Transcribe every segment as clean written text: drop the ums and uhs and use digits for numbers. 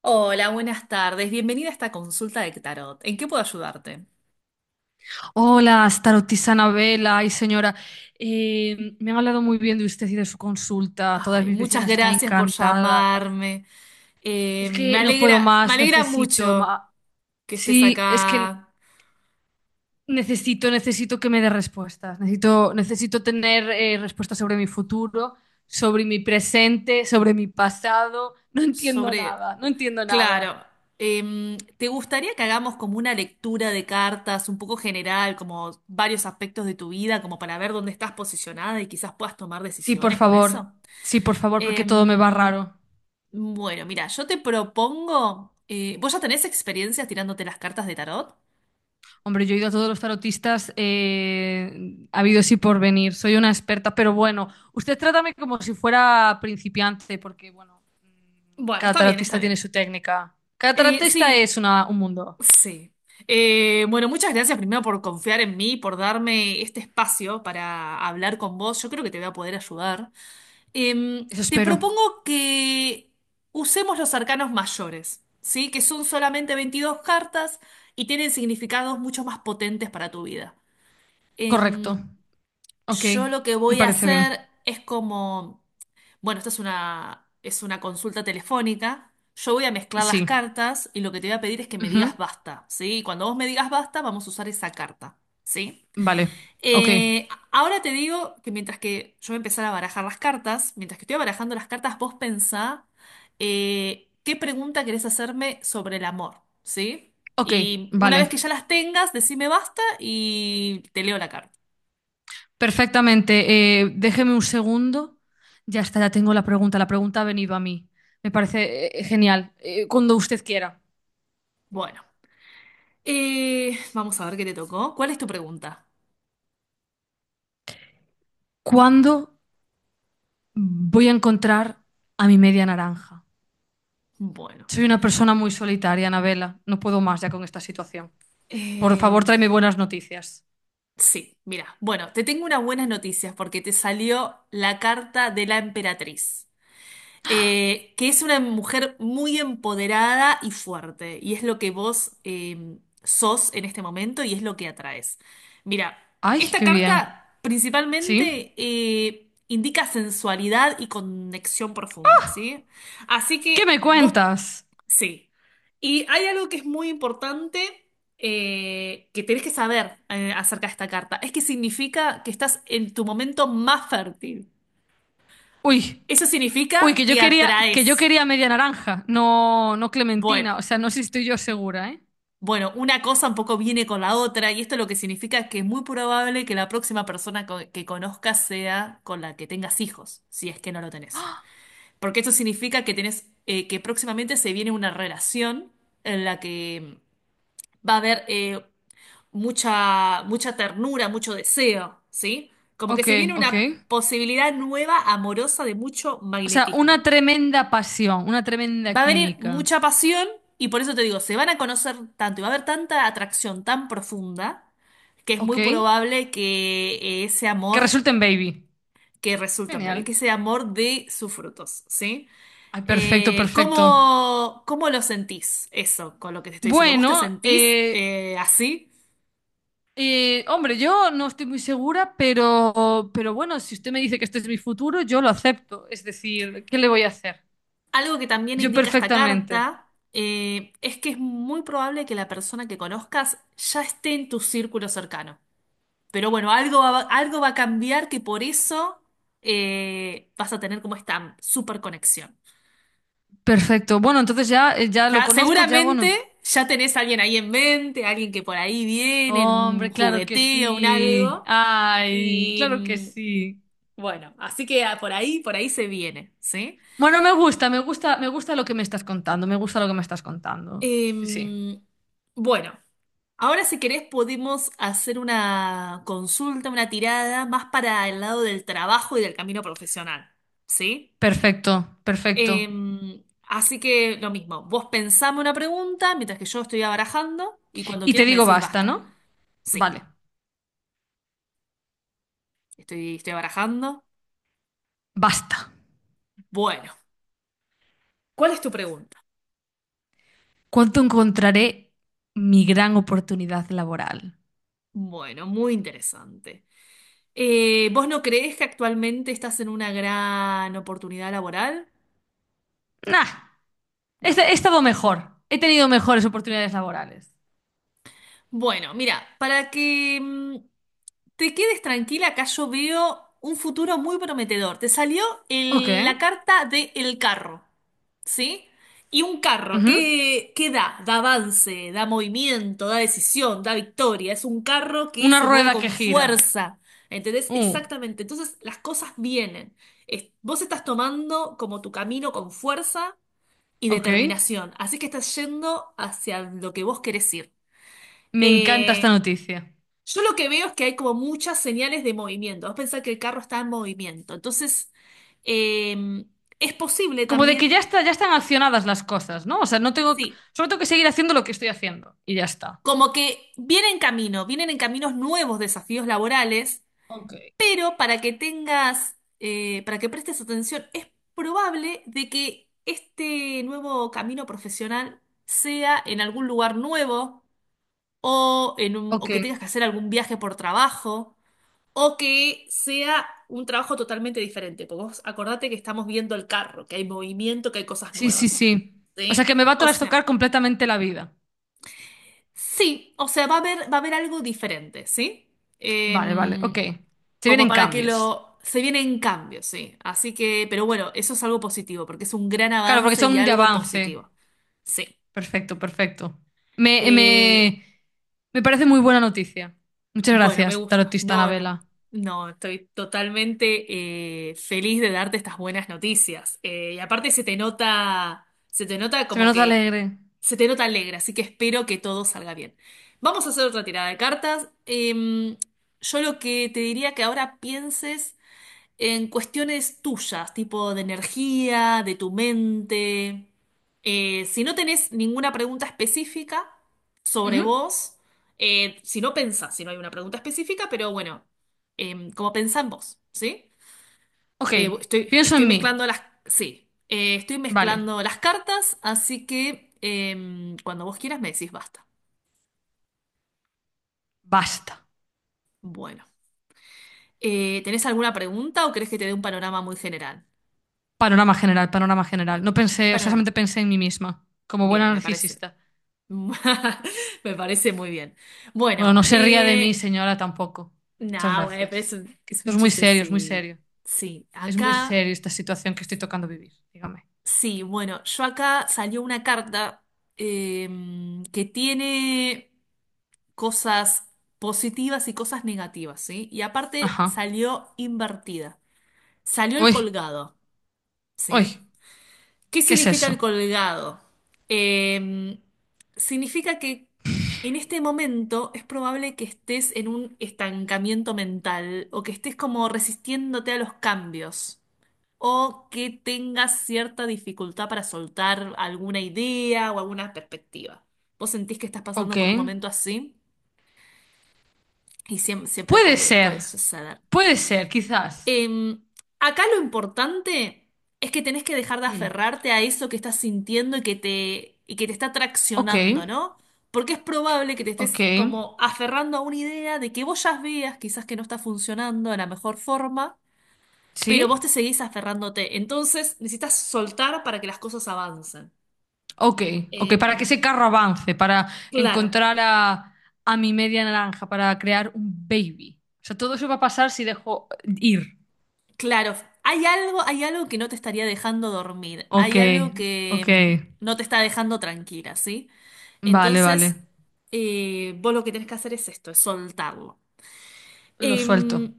Hola, buenas tardes. Bienvenida a esta consulta de tarot. ¿En qué puedo ayudarte? Hola, tarotista Vela, ay señora, me han hablado muy bien de usted y de su consulta. Todas Ay, mis muchas vecinas están gracias por encantadas. llamarme. Es me que no puedo alegra, me más, alegra necesito mucho más. que estés Sí, es que acá. necesito que me dé respuestas. Necesito tener respuestas sobre mi futuro, sobre mi presente, sobre mi pasado. No entiendo sobre... nada, no entiendo nada. Claro. ¿Te gustaría que hagamos como una lectura de cartas un poco general, como varios aspectos de tu vida, como para ver dónde estás posicionada y quizás puedas tomar Sí, por decisiones con favor, eso? sí, por favor, porque todo me va Em, raro. bueno, mira, yo te propongo. ¿Vos ya tenés experiencias tirándote las cartas de tarot? Hombre, yo he ido a todos los tarotistas ha habido así por venir. Soy una experta, pero bueno, usted trátame como si fuera principiante, porque bueno, Bueno, cada está bien, está tarotista tiene bien. su técnica. Cada tarotista Sí, es un mundo. sí. Bueno, muchas gracias primero por confiar en mí, por darme este espacio para hablar con vos. Yo creo que te voy a poder ayudar. Eso Te espero. propongo que usemos los arcanos mayores, ¿sí? Que son solamente 22 cartas y tienen significados mucho más potentes para tu vida. Correcto. Em, Ok, Yo lo que me voy a parece bien. hacer es como, bueno, esta es una consulta telefónica. Yo voy a mezclar las Sí. cartas y lo que te voy a pedir es que me Ujú. digas basta, ¿sí? Y cuando vos me digas basta, vamos a usar esa carta, ¿sí? Vale. Ok. Ahora te digo que mientras que yo voy a empezar a barajar las cartas, mientras que estoy barajando las cartas, vos pensá qué pregunta querés hacerme sobre el amor, ¿sí? Ok, Y una vez que vale. ya las tengas, decime basta y te leo la carta. Perfectamente. Déjeme un segundo. Ya está, ya tengo la pregunta. La pregunta ha venido a mí. Me parece genial. Cuando usted quiera. Bueno. Vamos a ver qué te tocó. ¿Cuál es tu pregunta? ¿Cuándo voy a encontrar a mi media naranja? Bueno. Soy una persona muy solitaria, Anabela. No puedo más ya con esta situación. Por eh, favor, tráeme buenas noticias. sí, mira. Bueno, te tengo unas buenas noticias porque te salió la carta de la emperatriz, que es una mujer muy empoderada y fuerte, y es lo que vos sos en este momento y es lo que atraes. Mira, Ay, esta qué bien. carta ¿Sí? principalmente indica sensualidad y conexión profunda, ¿sí? Así ¿Qué me que vos. cuentas? Sí. Y hay algo que es muy importante que tenés que saber acerca de esta carta. Es que significa que estás en tu momento más fértil. Uy, Eso uy, significa que yo que quería, que yo atraes. quería media naranja, no Bueno, clementina. O sea, no sé si estoy yo segura, ¿eh? bueno, una cosa un poco viene con la otra y esto lo que significa es que es muy probable que la próxima persona que conozcas sea con la que tengas hijos, si es que no lo tenés. Porque esto significa que tenés, que próximamente se viene una relación en la que va a haber mucha, mucha ternura, mucho deseo, ¿sí? Como que Ok, se viene ok. una posibilidad nueva, amorosa, de mucho O sea, una magnetismo. tremenda pasión, una tremenda Va a venir química. mucha pasión y por eso te digo, se van a conocer tanto y va a haber tanta atracción tan profunda que es Ok. muy probable que ese Que amor resulte en baby. que resulta en bebé, Genial. que ese amor dé sus frutos, ¿sí? Ay, perfecto, Eh, perfecto. ¿cómo, cómo lo sentís eso con lo que te estoy diciendo? ¿Vos te Bueno, sentís así? Hombre, yo no estoy muy segura, pero bueno, si usted me dice que este es mi futuro, yo lo acepto. Es decir, ¿qué le voy a hacer? Algo que también Yo indica esta perfectamente. carta es que es muy probable que la persona que conozcas ya esté en tu círculo cercano. Pero bueno, algo va a cambiar que por eso vas a tener como esta super conexión. Perfecto. Bueno, entonces ya, ya lo Ya, conozco, ya seguramente bueno. ya tenés a alguien ahí en mente, alguien que por ahí viene, en un Hombre, claro que jugueteo, un sí. algo. Ay, Y claro que sí. bueno, así que por ahí se viene, ¿sí? Bueno, me gusta, me gusta, me gusta lo que me estás contando, me gusta lo que me estás contando. Sí, sí. Em, bueno. Ahora, si querés, podemos hacer una consulta, una tirada más para el lado del trabajo y del camino profesional, ¿sí? Perfecto, perfecto. Así que lo mismo, vos pensame una pregunta mientras que yo estoy abarajando y cuando Y te quieras me digo decís basta, basta. ¿no? Sí, Vale, estoy abarajando. basta. Bueno, ¿cuál es tu pregunta? ¿Cuánto encontraré mi gran oportunidad laboral? Bueno, muy interesante. ¿Vos no creés que actualmente estás en una gran oportunidad laboral? Nah, No. He estado mejor. He tenido mejores oportunidades laborales. Bueno, mira, para que te quedes tranquila, acá yo veo un futuro muy prometedor. Te salió Ok. La carta de el carro, ¿sí? Y un carro, Ujú. ¿qué, qué da? Da avance, da movimiento, da decisión, da victoria. Es un carro que Una se mueve rueda que con gira. fuerza. ¿Entendés? Uh, Exactamente. Entonces las cosas vienen. Vos estás tomando como tu camino con fuerza y ok. determinación. Así que estás yendo hacia lo que vos querés ir. Me encanta Eh, esta noticia. yo lo que veo es que hay como muchas señales de movimiento. Vos pensás que el carro está en movimiento. Entonces, eh, es posible Como de que también, ya está, ya están accionadas las cosas, ¿no? O sea, no tengo, sí, solo tengo que seguir haciendo lo que estoy haciendo y ya está. como que vienen en caminos nuevos desafíos laborales, Ok. Para que prestes atención, es probable de que este nuevo camino profesional sea en algún lugar nuevo o, o Ok. que tengas que hacer algún viaje por trabajo, o que sea un trabajo totalmente diferente. Porque vos acordate que estamos viendo el carro, que hay movimiento, que hay cosas Sí, sí, nuevas. sí. O sea, ¿Sí? que me va a O trastocar sea, completamente la vida. sí, o sea, va a haber algo diferente, ¿sí? Vale, vale, ok. Em, Se como vienen para que cambios. lo... Se vienen cambios, sí. Así que, pero bueno, eso es algo positivo, porque es un gran Claro, porque avance y son de algo avance. positivo. Sí. Perfecto, perfecto. Me, Eh, me, me parece muy buena noticia. Muchas Bueno, me gracias, gusta. tarotista No, no, Anabela. no, estoy totalmente feliz de darte estas buenas noticias. Y aparte se te nota Se me como nota que alegre. se te nota alegre, así que espero que todo salga bien. Vamos a hacer otra tirada de cartas. Yo lo que te diría que ahora pienses en cuestiones tuyas, tipo de energía, de tu mente. Si no tenés ninguna pregunta específica sobre Ujú. vos, si no hay una pregunta específica, pero bueno, como pensá en vos, ¿sí? Ok, pienso en mí. Sí, estoy Vale, mezclando las cartas, así que cuando vos quieras me decís basta. basta. Bueno. ¿Tenés alguna pregunta o querés que te dé un panorama muy general? Panorama general, panorama general. Bueno, No un pensé, o sea, panorama. solamente pensé en mí misma, como Bien, buena me parece. narcisista. Me parece muy bien. Bueno, Bueno, no se ría de mí, señora, tampoco. Muchas nada, güey, pero gracias. Que es esto un es muy chiste, serio, es muy sí. serio. Sí, Es muy acá, serio esta situación que estoy tocando vivir, dígame. sí, bueno, yo acá salió una carta eh, que tiene cosas positivas y cosas negativas, ¿sí? Y aparte Ajá. salió invertida. Salió el Uy, colgado, uy, ¿sí? ¿Qué ¿qué es significa el eso? colgado? Eh, significa que en este momento es probable que estés en un estancamiento mental o que estés como resistiéndote a los cambios o que tengas cierta dificultad para soltar alguna idea o alguna perspectiva. ¿Vos sentís que estás pasando Ok. por un momento así? Siempre, Puede puede, ser, puede suceder. puede ser, quizás. Em, acá lo importante es que tenés que dejar de Mm. aferrarte a eso que estás sintiendo y que te está Ok, traccionando, ¿no? Porque es probable que te ok, estés como aferrando a una idea de que vos ya veas quizás que no está funcionando de la mejor forma, pero sí, vos te seguís aferrándote. Entonces necesitas soltar para que las cosas avancen. ok, ok, para Em, que ese carro avance, para claro. encontrar a mi media naranja, para crear un baby. O sea, todo eso va a pasar si dejo ir. Claro, hay algo que no te estaría dejando dormir, Ok, hay algo que ok, no te está dejando tranquila, ¿sí? vale, vale, Entonces, vos lo que tenés que hacer es esto, es soltarlo. lo suelto, Em,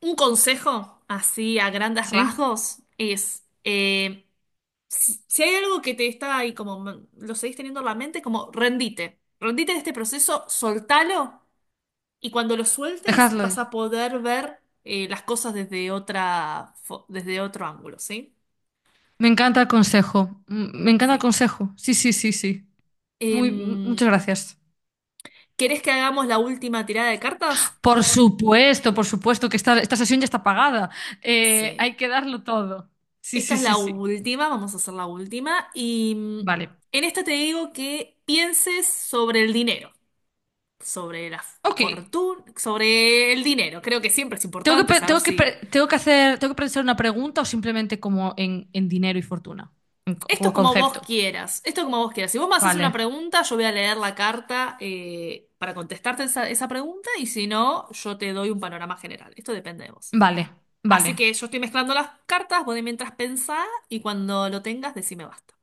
un consejo, así a grandes ¿sí? rasgos, es si hay algo que te está ahí como lo seguís teniendo en la mente, como rendite, rendite de este proceso, soltalo y cuando lo sueltes, Dejadlo vas ir. a poder ver las cosas desde otro ángulo, ¿sí? Me encanta el consejo, me encanta el Sí. consejo, sí, sí, sí, sí. Muy, Em, muchas gracias. ¿Querés que hagamos la última tirada de cartas? Por supuesto que esta sesión ya está pagada. Sí. Hay que darlo todo. Sí, Esta sí, es sí, la sí. última, vamos a hacer la última. Y Vale. en esta te digo que pienses sobre el dinero, sobre la Ok. fortuna, sobre el dinero. Creo que siempre es Tengo que, importante pe- saber tengo que, si pe- tengo que hacer, tengo que pensar una pregunta o simplemente como en dinero y fortuna, Esto como es como vos concepto. quieras, esto es como vos quieras. Si vos me haces una Vale, pregunta, yo voy a leer la carta para contestarte esa pregunta y si no, yo te doy un panorama general. Esto depende de vos. vale, Así vale. que yo estoy mezclando las cartas, vos de mientras pensá y cuando lo tengas, decime basta.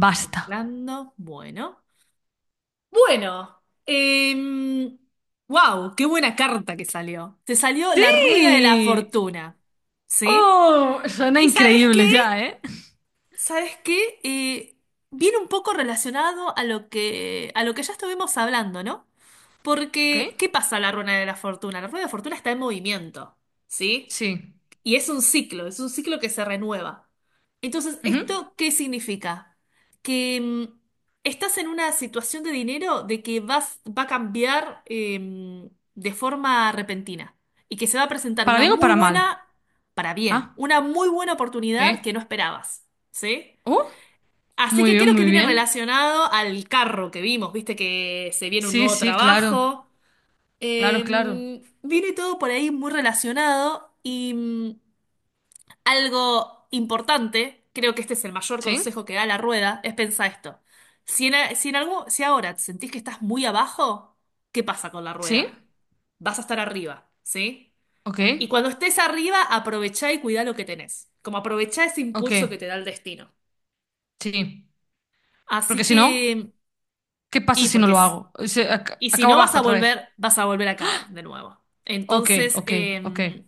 Estoy mezclando, bueno. Bueno, wow, qué buena carta que salió. Te salió la rueda de la Sí. fortuna, ¿sí? Oh, suena ¿Y sabes qué? increíble ya, ¿eh? ¿Sabes qué? Viene un poco relacionado a lo que ya estuvimos hablando, ¿no? Ok. Porque, ¿qué pasa en la rueda de la fortuna? La rueda de la fortuna está en movimiento, ¿sí? Sí. Y es un ciclo que se renueva. Entonces, Ujú. ¿esto qué significa? Que estás en una situación de dinero de que va a cambiar de forma repentina y que se va a presentar ¿Para una bien o muy para mal? buena, para bien, Ah, una muy buena oportunidad que ok. no esperabas, ¿sí? Oh, Así muy que bien, creo que muy viene bien. relacionado al carro que vimos, viste que se viene un Sí, nuevo sí, claro. trabajo. Claro, claro. Viene todo por ahí muy relacionado y algo importante, creo que este es el mayor ¿Sí? consejo que da la rueda, es pensar esto. Si en algo, si ahora te sentís que estás muy abajo, ¿qué pasa con la ¿Sí? rueda? Vas a estar arriba, ¿sí? Ok, Y cuando estés arriba, aprovechá y cuidá lo que tenés. Como aprovechá ese ok, impulso que te da el destino. sí. Así Porque si no, que... ¿qué pasa Y si no porque lo hago? Y si Acabo no abajo otra vez. Vas a volver, a caer de nuevo. Ok, Entonces, ok, ok.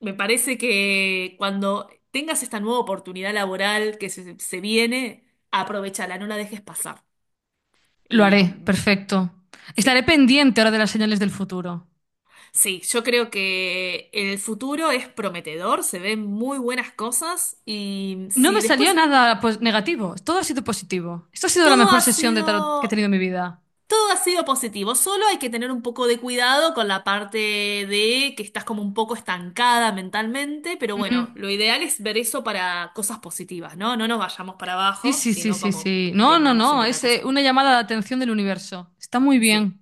me parece que cuando tengas esta nueva oportunidad laboral que se viene, aprovechala, no la dejes pasar. Lo Y haré, perfecto. sí, Estaré pendiente ahora de las señales del futuro. sí, yo creo que el futuro es prometedor, se ven muy buenas cosas y No si me después salió nada pues, negativo, todo ha sido positivo. Esto ha sido la todo mejor ha sesión de tarot que he sido tenido en mi vida. todo ha sido positivo, solo hay que tener un poco de cuidado con la parte de que estás como un poco estancada mentalmente, pero Ujú. bueno, lo ideal es ver eso para cosas positivas, ¿no? No nos vayamos para Sí, abajo, sí, sí, sino sí, como sí. No, no, vengamos no, siempre para es cosas. una llamada de atención del universo. Está muy Sí. bien,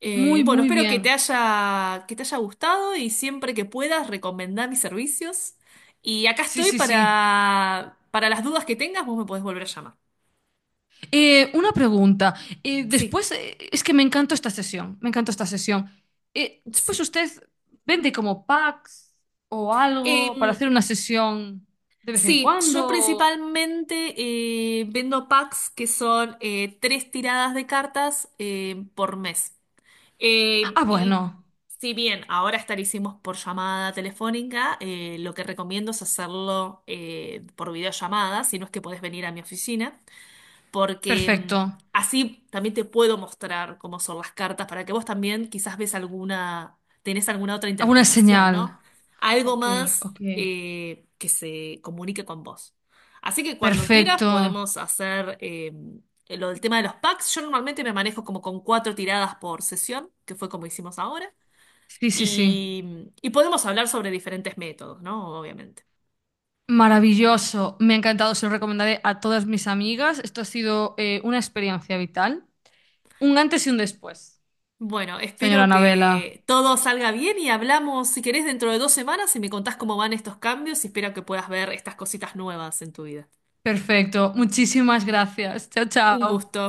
Muy, Bueno, muy espero bien. Que te haya gustado y siempre que puedas recomendar mis servicios. Y acá Sí, estoy sí, sí. Para las dudas que tengas, vos me podés volver a llamar. Una pregunta. Sí, Es que me encantó esta sesión, me encantó esta sesión. Después sí. usted vende como packs o algo para Em, hacer una sesión de vez en sí, yo cuando. principalmente vendo packs que son 3 tiradas de cartas por mes. Ah, Y bueno, si bien ahora estarísimos por llamada telefónica, lo que recomiendo es hacerlo por videollamada, si no es que podés venir a mi oficina porque perfecto. así también te puedo mostrar cómo son las cartas para que vos también quizás ves alguna, tenés alguna otra Alguna interpretación, ¿no? señal. Algo Ok, más ok. Que se comunique con vos. Así que cuando quieras Perfecto. podemos hacer lo del tema de los packs. Yo normalmente me manejo como con 4 tiradas por sesión, que fue como hicimos ahora. Sí, sí, sí. Y podemos hablar sobre diferentes métodos, ¿no? Obviamente. Maravilloso. Me ha encantado, se lo recomendaré a todas mis amigas. Esto ha sido una experiencia vital. Un antes y un después, Bueno, señora espero Anabela. que todo salga bien y hablamos, si querés, dentro de 2 semanas y me contás cómo van estos cambios y espero que puedas ver estas cositas nuevas en tu vida. Perfecto. Muchísimas gracias. Chao, Un chao. gusto.